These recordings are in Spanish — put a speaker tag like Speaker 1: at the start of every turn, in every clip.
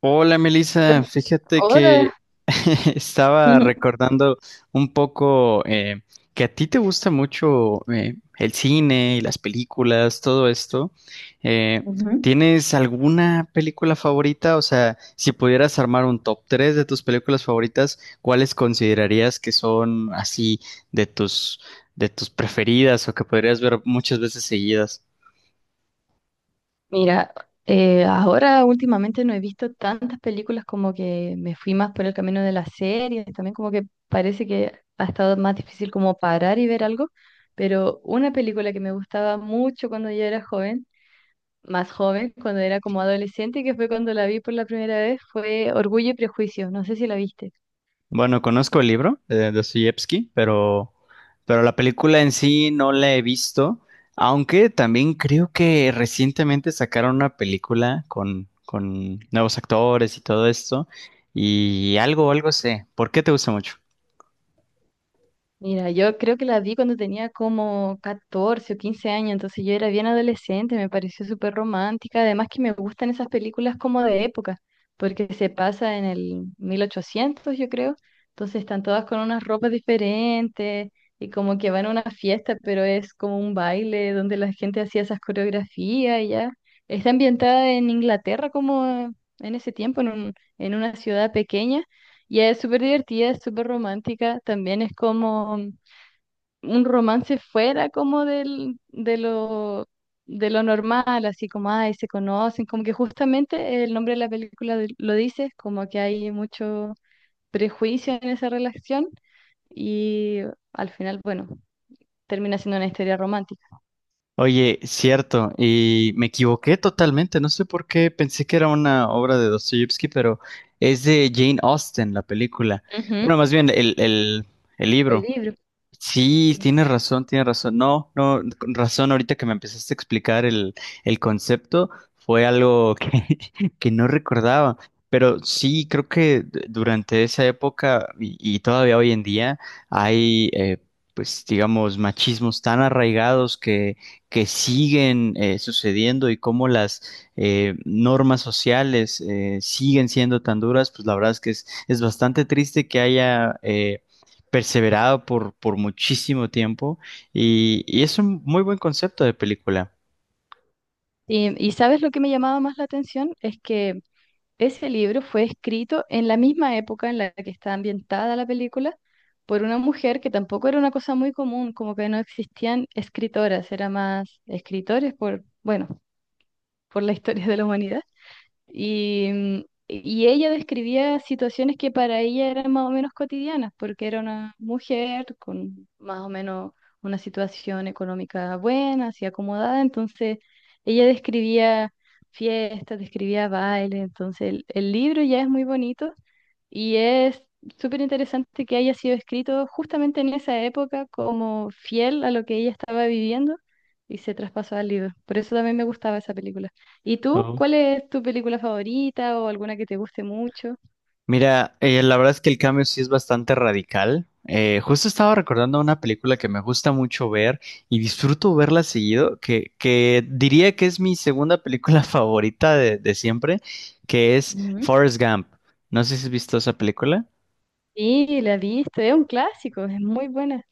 Speaker 1: Hola Melissa,
Speaker 2: Hola.
Speaker 1: fíjate
Speaker 2: Hola.
Speaker 1: que estaba
Speaker 2: Ujú.
Speaker 1: recordando un poco que a ti te gusta mucho el cine y las películas, todo esto. Eh,
Speaker 2: Ujú.
Speaker 1: ¿Tienes alguna película favorita? O sea, si pudieras armar un top 3 de tus películas favoritas, ¿cuáles considerarías que son así de tus, de tus preferidas o que podrías ver muchas veces seguidas?
Speaker 2: Mira, ahora últimamente no he visto tantas películas, como que me fui más por el camino de las series, también como que parece que ha estado más difícil como parar y ver algo, pero una película que me gustaba mucho cuando yo era joven, más joven, cuando era como adolescente, que fue cuando la vi por la primera vez, fue Orgullo y Prejuicio, no sé si la viste.
Speaker 1: Bueno, conozco el libro de Dostoyevsky, pero la película en sí no la he visto, aunque también creo que recientemente sacaron una película con nuevos actores y todo esto, y algo sé. ¿Por qué te gusta mucho?
Speaker 2: Mira, yo creo que la vi cuando tenía como 14 o 15 años, entonces yo era bien adolescente, me pareció súper romántica, además que me gustan esas películas como de época, porque se pasa en el 1800, yo creo, entonces están todas con unas ropas diferentes y como que van a una fiesta, pero es como un baile donde la gente hacía esas coreografías y ya. Está ambientada en Inglaterra como en ese tiempo, en en una ciudad pequeña y es súper divertida, es súper romántica, también es como un romance fuera como de lo normal, así como, ay, se conocen, como que justamente el nombre de la película lo dice, como que hay mucho prejuicio en esa relación y al final, bueno, termina siendo una historia romántica.
Speaker 1: Oye, cierto, y me equivoqué totalmente, no sé por qué pensé que era una obra de Dostoyevsky, pero es de Jane Austen la película.
Speaker 2: Ujú.
Speaker 1: Bueno, más bien el
Speaker 2: El
Speaker 1: libro.
Speaker 2: libro.
Speaker 1: Sí,
Speaker 2: Sí.
Speaker 1: tienes razón, tienes razón. No, no, con razón, ahorita que me empezaste a explicar el concepto, fue algo que no recordaba. Pero sí, creo que durante esa época y todavía hoy en día hay, eh, pues, digamos, machismos tan arraigados que siguen sucediendo y cómo las normas sociales siguen siendo tan duras, pues la verdad es que es bastante triste que haya... perseverado por muchísimo tiempo y es un muy buen concepto de película.
Speaker 2: Y ¿sabes lo que me llamaba más la atención? Es que ese libro fue escrito en la misma época en la que está ambientada la película, por una mujer, que tampoco era una cosa muy común, como que no existían escritoras, era más escritores por, bueno, por la historia de la humanidad. Y, y ella describía situaciones que para ella eran más o menos cotidianas, porque era una mujer con más o menos una situación económica buena, así acomodada, entonces ella describía fiestas, describía bailes, entonces el libro ya es muy bonito y es súper interesante que haya sido escrito justamente en esa época como fiel a lo que ella estaba viviendo y se traspasó al libro. Por eso también me gustaba esa película. ¿Y tú?
Speaker 1: Oh.
Speaker 2: ¿Cuál es tu película favorita o alguna que te guste mucho?
Speaker 1: Mira, la verdad es que el cambio sí es bastante radical. Justo estaba recordando una película que me gusta mucho ver y disfruto verla seguido, que diría que es mi segunda película favorita de siempre, que es
Speaker 2: Ujú.
Speaker 1: Forrest Gump. No sé si has visto esa película.
Speaker 2: Sí, la he visto, es un clásico, es muy buena.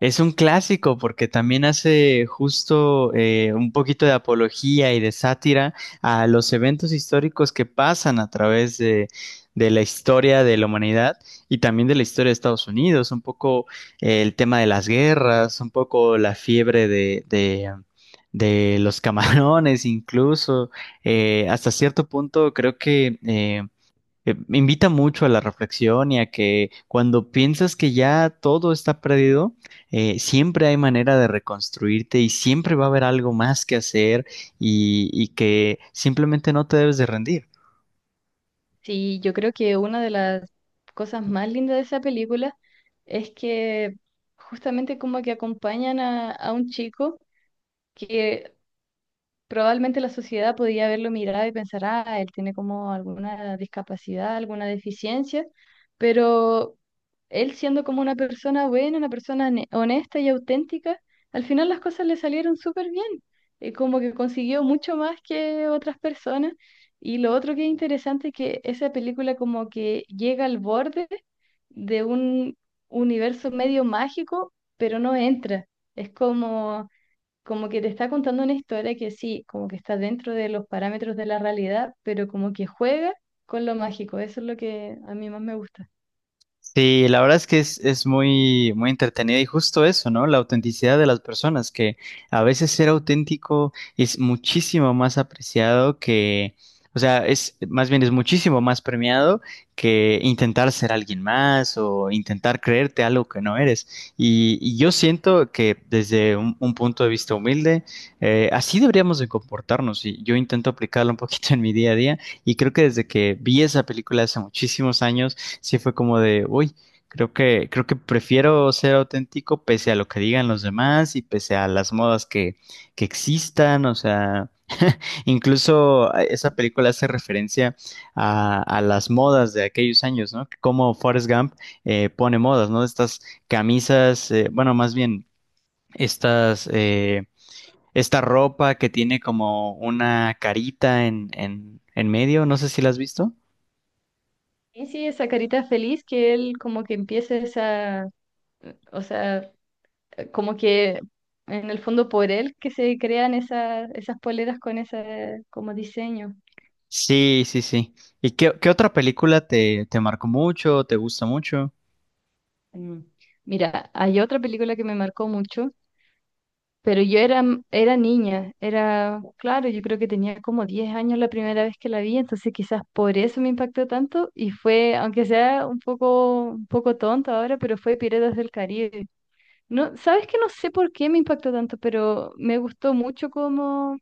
Speaker 1: Es un clásico porque también hace justo un poquito de apología y de sátira a los eventos históricos que pasan a través de la historia de la humanidad y también de la historia de Estados Unidos, un poco el tema de las guerras, un poco la fiebre de los camarones incluso. Hasta cierto punto creo que me invita mucho a la reflexión y a que cuando piensas que ya todo está perdido, siempre hay manera de reconstruirte y siempre va a haber algo más que hacer y que simplemente no te debes de rendir.
Speaker 2: Sí, yo creo que una de las cosas más lindas de esa película es que justamente como que acompañan a un chico que probablemente la sociedad podía haberlo mirado y pensar, ah, él tiene como alguna discapacidad, alguna deficiencia, pero él, siendo como una persona buena, una persona honesta y auténtica, al final las cosas le salieron súper bien, como que consiguió mucho más que otras personas. Y lo otro que es interesante es que esa película como que llega al borde de un universo medio mágico, pero no entra. Es como como que te está contando una historia que sí, como que está dentro de los parámetros de la realidad, pero como que juega con lo mágico. Eso es lo que a mí más me gusta.
Speaker 1: Sí, la verdad es que es muy, muy entretenida y justo eso, ¿no? La autenticidad de las personas, que a veces ser auténtico es muchísimo más apreciado que, o sea, es, más bien es muchísimo más premiado que intentar ser alguien más o intentar creerte algo que no eres. Y yo siento que desde un punto de vista humilde, así deberíamos de comportarnos y yo intento aplicarlo un poquito en mi día a día y creo que desde que vi esa película hace muchísimos años, sí fue como de, uy, creo que prefiero ser auténtico pese a lo que digan los demás y pese a las modas que existan, o sea, incluso esa película hace referencia a las modas de aquellos años, ¿no? Como Forrest Gump pone modas, ¿no? Estas camisas, más bien, estas, eh, esta ropa que tiene como una carita en medio, no sé si la has visto.
Speaker 2: Y sí, esa carita feliz que él como que empieza esa, o sea, como que en el fondo por él que se crean esas poleras con ese como diseño.
Speaker 1: Sí, sí, sí. ¿Y qué otra película te marcó mucho, te gusta mucho?
Speaker 2: Mm. Mira, hay otra película que me marcó mucho. Pero yo era niña, era, claro, yo creo que tenía como 10 años la primera vez que la vi, entonces quizás por eso me impactó tanto y fue, aunque sea un poco tonto ahora, pero fue Piratas del Caribe. No, sabes que no sé por qué me impactó tanto, pero me gustó mucho como,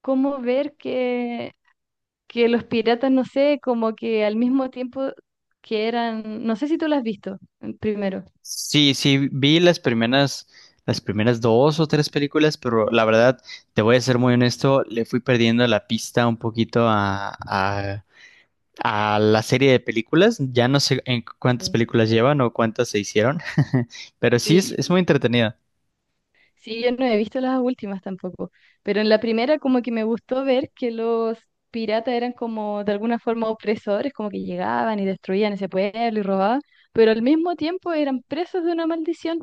Speaker 2: como ver que los piratas, no sé, como que al mismo tiempo que eran, no sé si tú lo has visto primero.
Speaker 1: Sí, sí, vi las primeras dos o tres películas, pero la verdad, te voy a ser muy honesto, le fui perdiendo la pista un poquito a la serie de películas. Ya no sé en cuántas
Speaker 2: Sí.
Speaker 1: películas llevan o cuántas se hicieron, pero sí es muy
Speaker 2: Sí,
Speaker 1: entretenida.
Speaker 2: sí, yo no he visto las últimas tampoco, pero en la primera como que me gustó ver que los piratas eran como de alguna forma opresores, como que llegaban y destruían ese pueblo y robaban, pero al mismo tiempo eran presos de una maldición.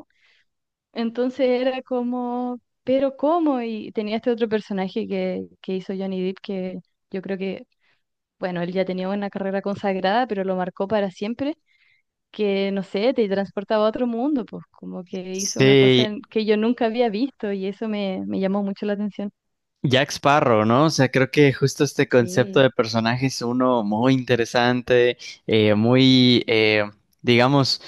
Speaker 2: Entonces era como, pero ¿cómo? Y tenía este otro personaje que hizo Johnny Depp, que yo creo que, bueno, él ya tenía una carrera consagrada, pero lo marcó para siempre, que, no sé, te transportaba a otro mundo, pues como que hizo una cosa
Speaker 1: Sí,
Speaker 2: que yo nunca había visto y eso me, me llamó mucho la atención.
Speaker 1: Jack Sparrow, ¿no? O sea, creo que justo este concepto
Speaker 2: Sí,
Speaker 1: de personaje es uno muy interesante, eh, muy, eh, digamos,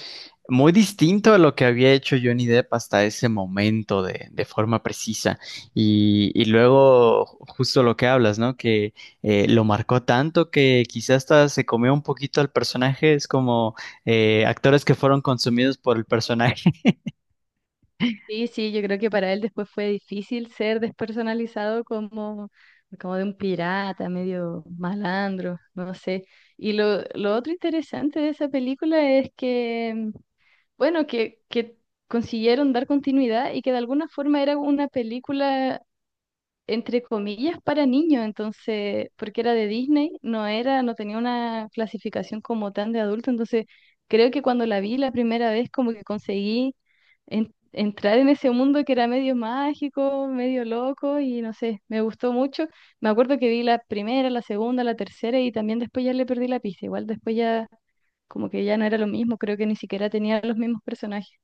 Speaker 1: muy distinto a lo que había hecho Johnny Depp hasta ese momento de forma precisa. Y luego, justo lo que hablas, ¿no? Que lo marcó tanto que quizás hasta se comió un poquito al personaje, es como actores que fueron consumidos por el personaje.
Speaker 2: sí, sí, yo creo que para él después fue difícil ser despersonalizado como, como de un pirata, medio malandro, no sé. Y lo otro interesante de esa película es que, bueno, que consiguieron dar continuidad y que de alguna forma era una película, entre comillas, para niños, entonces, porque era de Disney, no era, no tenía una clasificación como tan de adulto, entonces creo que cuando la vi la primera vez como que conseguí entrar en ese mundo que era medio mágico, medio loco y no sé, me gustó mucho. Me acuerdo que vi la primera, la segunda, la tercera y también después ya le perdí la pista, igual después ya como que ya no era lo mismo, creo que ni siquiera tenía los mismos personajes.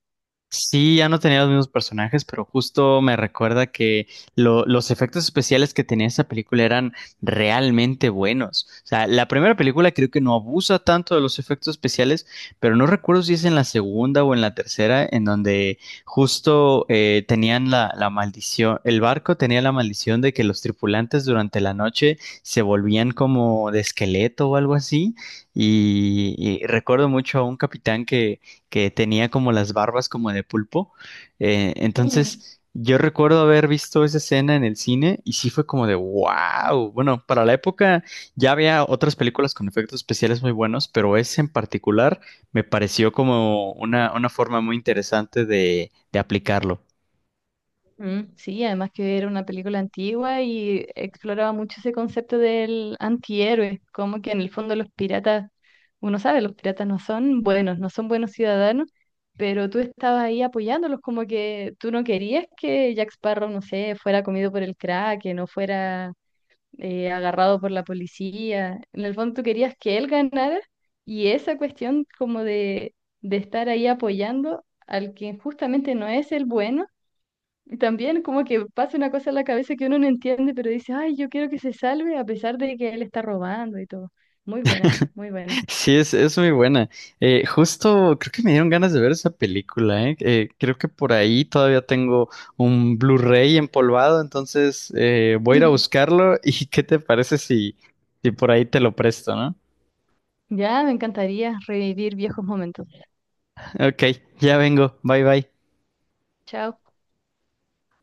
Speaker 1: Sí, ya no tenía los mismos personajes, pero justo me recuerda que los efectos especiales que tenía esa película eran realmente buenos. O sea, la primera película creo que no abusa tanto de los efectos especiales, pero no recuerdo si es en la segunda o en la tercera, en donde justo tenían la maldición, el barco tenía la maldición de que los tripulantes durante la noche se volvían como de esqueleto o algo así. Y y recuerdo mucho a un capitán que tenía como las barbas como de pulpo. Eh, entonces, yo recuerdo haber visto esa escena en el cine y sí fue como de wow. Bueno, para la época ya había otras películas con efectos especiales muy buenos, pero ese en particular me pareció como una forma muy interesante de aplicarlo.
Speaker 2: Mm, sí, además que era una película antigua y exploraba mucho ese concepto del antihéroe, como que en el fondo los piratas, uno sabe, los piratas no son buenos, no son buenos ciudadanos, pero tú estabas ahí apoyándolos, como que tú no querías que Jack Sparrow, no sé, fuera comido por el Kraken o fuera agarrado por la policía. En el fondo tú querías que él ganara, y esa cuestión como de estar ahí apoyando al que justamente no es el bueno, y también como que pasa una cosa en la cabeza que uno no entiende, pero dice, ay, yo quiero que se salve a pesar de que él está robando y todo. Muy buena, muy buena.
Speaker 1: Sí, es muy buena. Justo creo que me dieron ganas de ver esa película, ¿eh? Creo que por ahí todavía tengo un Blu-ray empolvado, entonces voy a ir a buscarlo y ¿qué te parece si, si por ahí te lo presto, ¿no?
Speaker 2: Ya, me encantaría revivir viejos momentos.
Speaker 1: Ok, ya vengo. Bye bye.
Speaker 2: Chao.